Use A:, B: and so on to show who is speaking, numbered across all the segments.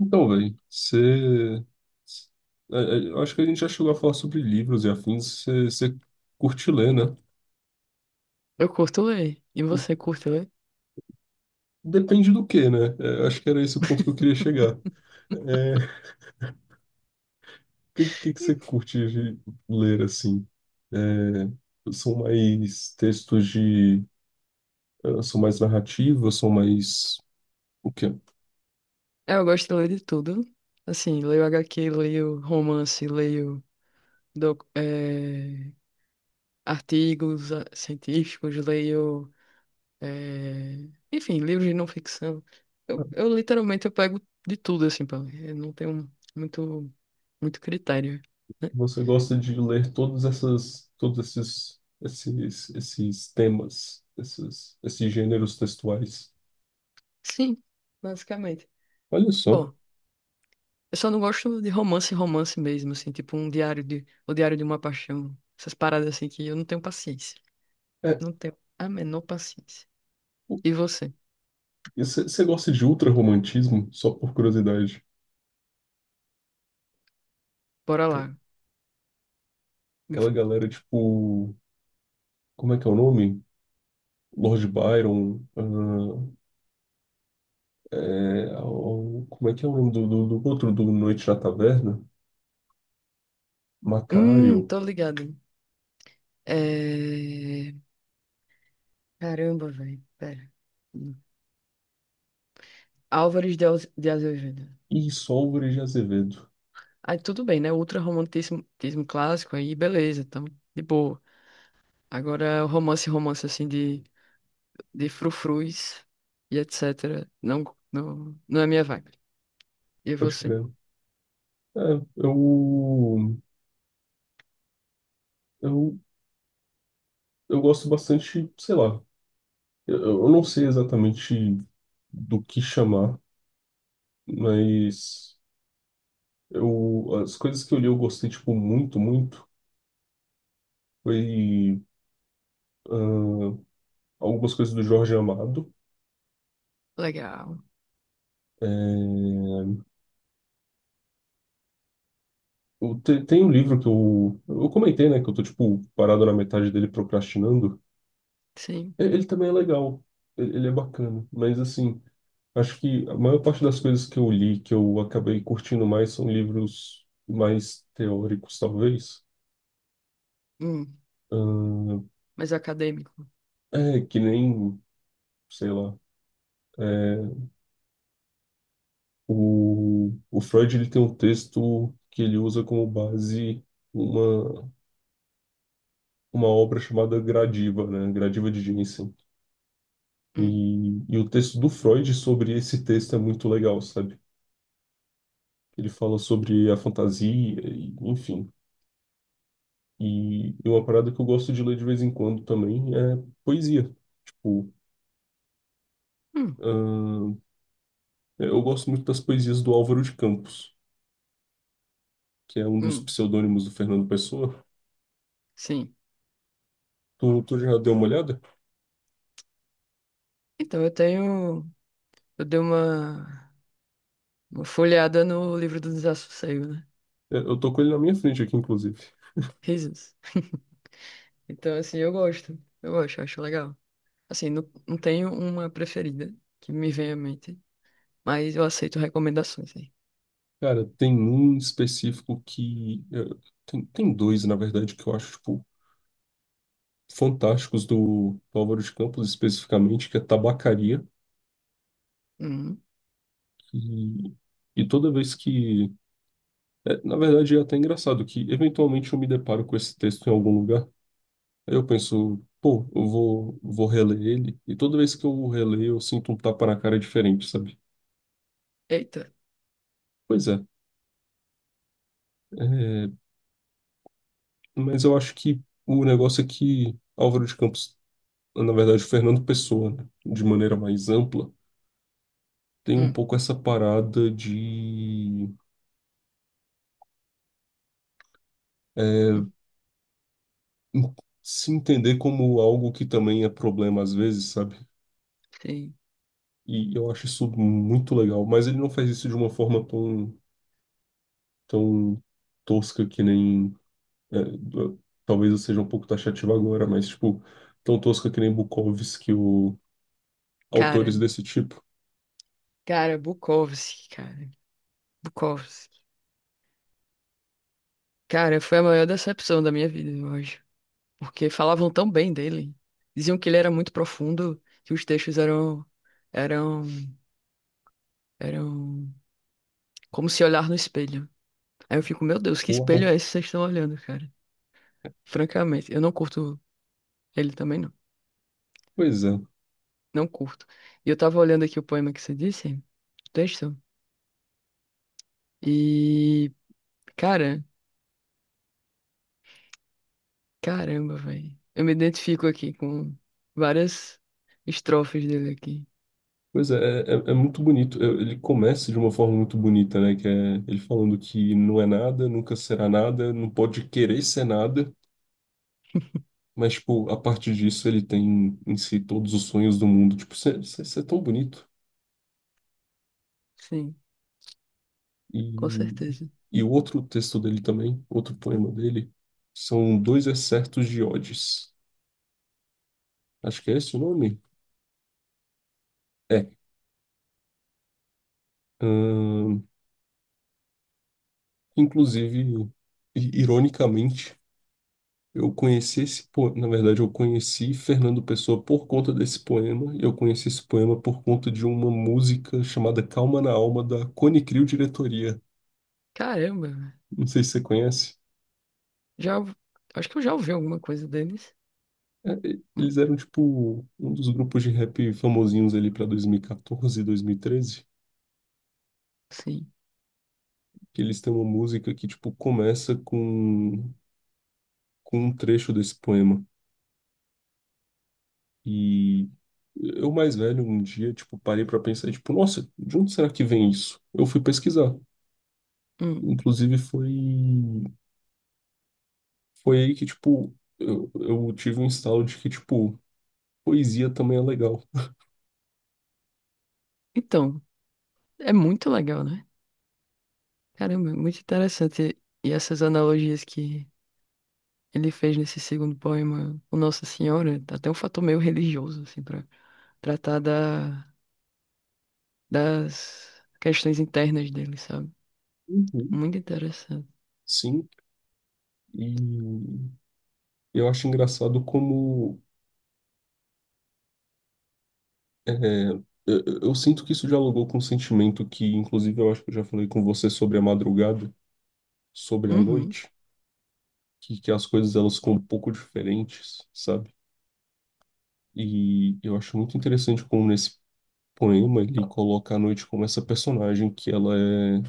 A: Então, velho, você. Eu acho que a gente já chegou a falar sobre livros e afins. Você curte ler, né?
B: Eu curto ler. E você curte ler?
A: Depende do que, né? É, eu acho que era esse o ponto que eu queria chegar. É, o que você curte de ler, assim? É, são mais textos de. São mais narrativas, são mais. O quê?
B: É, eu gosto de ler de tudo. Assim, leio HQ, leio romance, leio doc- eh, artigos científicos, leio, eh, enfim, livros de não ficção. Eu literalmente eu pego de tudo, assim, pra ler. Eu não tenho muito, muito critério, né?
A: Você gosta de ler todas essas, todos esses, esses temas, esses gêneros textuais.
B: Sim, basicamente.
A: Olha só.
B: Bom, eu só não gosto de romance, romance mesmo, assim, tipo um o diário de uma paixão. Essas paradas assim que eu não tenho paciência.
A: É,
B: Não tenho a menor paciência. E você?
A: você gosta de ultra-romantismo, só por curiosidade?
B: Bora
A: Aquela
B: lá.
A: aquela galera, tipo, como é que é o nome? Lord Byron, ah, é, como é que é o nome do, do outro, do Noite na Taverna? Macário
B: Tô ligado. É... Caramba, velho. Pera. De Azevedo.
A: e Solveig de Azevedo,
B: Aí tudo bem, né? Ultra romantismo tismo clássico, aí beleza, então, de boa. Agora, o romance, romance assim de frufrus e etc. Não é minha vibe. E
A: pode
B: você?
A: crer. É, eu, eu, eu gosto bastante, sei lá, eu não sei exatamente do que chamar, mas eu, as coisas que eu li eu gostei, tipo, muito, muito. Foi ah, algumas coisas do Jorge Amado.
B: Legal.
A: É, eu tem um livro que eu comentei, né? Que eu tô, tipo, parado na metade dele procrastinando.
B: Sim.
A: Ele também é legal. Ele é bacana. Mas, assim, acho que a maior parte das coisas que eu li, que eu acabei curtindo mais, são livros mais teóricos, talvez.
B: Hum. Mas acadêmico.
A: Ah, é, que nem, sei lá. é, o Freud, ele tem um texto que ele usa como base. Uma, uma obra chamada Gradiva, né? Gradiva de Jensen.
B: Hum.
A: E o texto do Freud sobre esse texto é muito legal, sabe? Ele fala sobre a fantasia, enfim. E uma parada que eu gosto de ler de vez em quando também é poesia. Tipo,
B: Hum.
A: ahn, eu gosto muito das poesias do Álvaro de Campos, que é um dos
B: Hum.
A: pseudônimos do Fernando Pessoa.
B: Sim.
A: Tu já deu uma olhada?
B: Então, eu tenho. Eu dei uma, uma folheada no livro do Desassossego, né?
A: É, eu tô com ele na minha frente aqui, inclusive.
B: Risos. Então, assim, eu gosto. Eu gosto, eu acho legal. Assim, não tenho uma preferida que me venha à mente, mas eu aceito recomendações aí.
A: Cara, tem um específico que. Tem, tem dois, na verdade, que eu acho, tipo, fantásticos do, do Álvaro de Campos, especificamente, que é tabacaria.
B: Hum.
A: E, e toda vez que. Na verdade, é até engraçado que, eventualmente, eu me deparo com esse texto em algum lugar. Aí eu penso, pô, eu vou, vou reler ele. E toda vez que eu releio, eu sinto um tapa na cara diferente, sabe?
B: Eita.
A: Pois é. é, mas eu acho que o negócio é que Álvaro de Campos, na verdade, Fernando Pessoa, né, de maneira mais ampla, tem um
B: Hum.
A: pouco essa parada de
B: Hum.
A: é, en- se entender como algo que também é problema às vezes, sabe?
B: Sim.
A: E eu acho isso muito legal, mas ele não faz isso de uma forma tão, tão tosca que nem. é, eu- talvez eu seja um pouco taxativo agora, mas, tipo, tão tosca que nem Bukowski ou
B: Cara,
A: autores desse tipo.
B: cara, Bukowski, cara. Bukowski. Cara, foi a maior decepção da minha vida, eu acho. Porque falavam tão bem dele. Diziam que ele era muito profundo, que os textos eram, eram como se olhar no espelho. Aí eu fico, meu Deus, que espelho
A: Uau!
B: é esse que vocês estão olhando, cara? Francamente, eu não curto ele também, não.
A: Pois é.
B: Não curto. E eu tava olhando aqui o poema que você disse, o texto, e, cara, caramba, velho. Eu me identifico aqui com várias estrofes dele aqui.
A: Pois é, é é muito bonito. Ele começa de uma forma muito bonita, né? Que é ele falando que não é nada, nunca será nada, não pode querer ser nada, mas, tipo, a partir disso, ele tem em si todos os sonhos do mundo. Tipo, você é tão bonito.
B: Sim, com
A: E,
B: certeza.
A: e o outro texto dele também, outro poema dele, são dois excertos de odes. Acho que é esse o nome? É. Ahn, inclusive, ironicamente, eu conheci esse poema. Na verdade, eu conheci Fernando Pessoa por conta desse poema. E eu conheci esse poema por conta de uma música chamada Calma na Alma, da Cone Crew Diretoria.
B: Caramba, velho.
A: Não sei se você conhece.
B: Já, acho que eu já ouvi alguma coisa deles.
A: É,
B: Hum,
A: eles eram tipo um dos grupos de rap famosinhos ali pra 2014, 2013,
B: sim.
A: que eles têm uma música que tipo começa com um trecho desse poema. E eu mais velho um dia tipo parei pra pensar e, tipo, nossa, de onde será que vem isso? Eu fui pesquisar.
B: Hum.
A: Inclusive foi foi aí que tipo eu tive um instalo de que tipo poesia também é legal.
B: Então, é muito legal, né? Caramba, muito interessante. E essas analogias que ele fez nesse segundo poema o Nossa Senhora, tá até um fator meio religioso, assim, para tratar das questões internas dele, sabe?
A: Uhum.
B: Muito interessante.
A: Sim, e eu acho engraçado como É, é, eu sinto que isso dialogou com um sentimento que, inclusive, eu acho que eu já falei com você sobre a madrugada, sobre a
B: Uhum,
A: noite, que as coisas elas ficam um pouco diferentes, sabe? E eu acho muito interessante como nesse poema ele coloca a noite como essa personagem que ela é,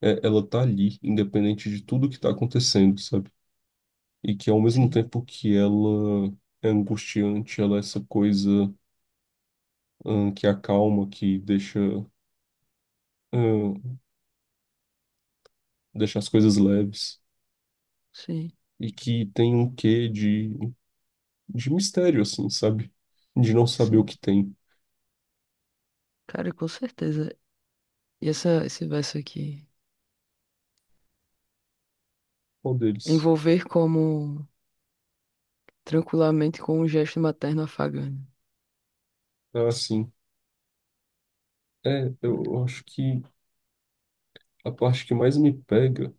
A: ela tá ali, independente de tudo que tá acontecendo, sabe? E que ao mesmo
B: sim,
A: tempo que ela é angustiante, ela é essa coisa, que acalma, que deixa, hum, deixa as coisas leves.
B: sim,
A: E que tem um quê de mistério, assim, sabe? De não saber o
B: sim.
A: que tem.
B: Cara, com certeza. Esse verso aqui,
A: Qual deles?
B: envolver como tranquilamente com um gesto materno afagante.
A: Ah, sim. É,
B: Olha,
A: eu acho que a parte que mais me pega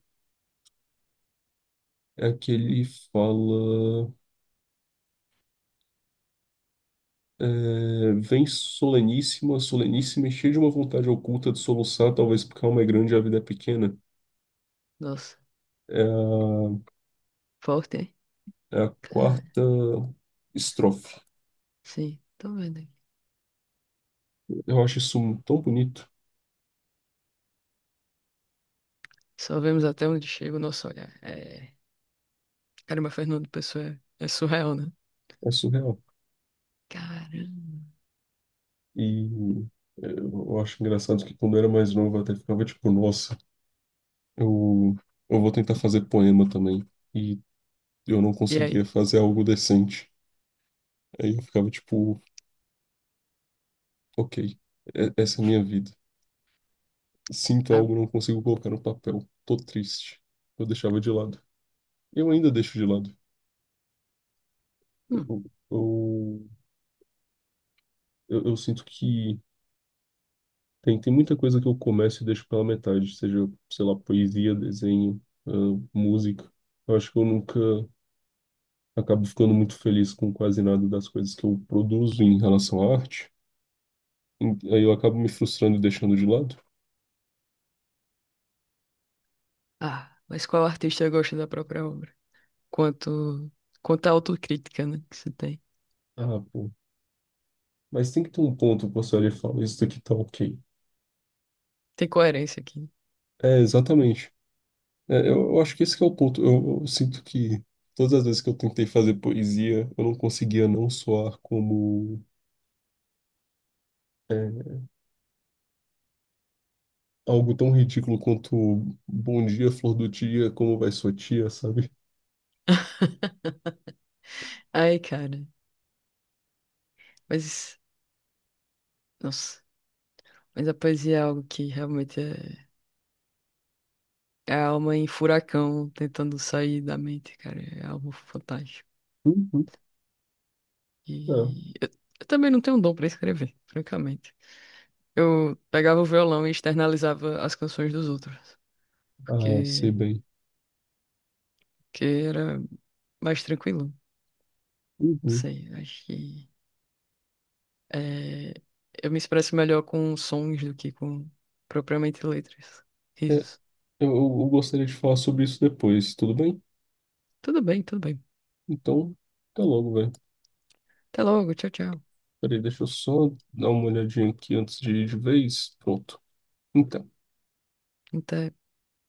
A: é a que ele fala. Vem soleníssima, soleníssima e cheia de uma vontade oculta de soluçar, talvez porque a alma é grande e a vida é pequena.
B: nossa,
A: É a,
B: forte, hein?
A: é a
B: Cara,
A: quarta estrofe.
B: sim, tô vendo aqui.
A: Eu acho isso tão bonito.
B: Só vemos até onde chega o nosso olhar. É, caramba, Fernando Pessoa é surreal, né?
A: É surreal.
B: Caramba.
A: E é, eu acho engraçado que quando eu era mais novo eu até ficava tipo, nossa, eu, eu vou tentar fazer poema também. E eu não
B: E
A: conseguia
B: aí?
A: fazer algo decente. Aí eu ficava tipo, ok, essa é a minha vida. Sinto
B: Ah,
A: algo, não consigo colocar no papel. Tô triste. Eu deixava de lado. Eu ainda deixo de lado.
B: hum.
A: Eu, eu, eu sinto que tem, tem muita coisa que eu começo e deixo pela metade, seja, sei lá, poesia, desenho, música. Eu acho que eu nunca. Acabo ficando muito feliz com quase nada das coisas que eu produzo em relação à arte. Aí eu acabo me frustrando e deixando de lado.
B: Ah, mas qual artista gosta da própria obra? Quanto, quanto à autocrítica, né, que você tem.
A: Ah, pô. Mas tem que ter um ponto que você olha e fala, isso daqui tá ok.
B: Tem coerência aqui.
A: É, exatamente. É, eu acho que esse que é o ponto. Eu sinto que todas as vezes que eu tentei fazer poesia, eu não conseguia não soar como é, algo tão ridículo quanto bom dia, flor do dia, como vai sua tia, sabe?
B: Ai, cara. Mas, nossa. Mas a poesia é algo que realmente é a alma em furacão tentando sair da mente, cara. É algo fantástico.
A: Uhum, é.
B: E eu, eu também não tenho dom pra escrever, francamente. Eu pegava o violão e externalizava as canções dos outros.
A: Ah, sei
B: Porque,
A: bem.
B: que era mais tranquilo. Não
A: Uhum.
B: sei, acho que é, eu me expresso melhor com sons do que com propriamente letras.
A: É,
B: Risos.
A: eu eu gostaria de falar sobre isso depois, tudo bem?
B: Tudo bem, tudo bem.
A: Então, até logo, velho.
B: Até logo, tchau, tchau.
A: Peraí, deixa eu só dar uma olhadinha aqui antes de ir de vez. Pronto. Então.
B: Até.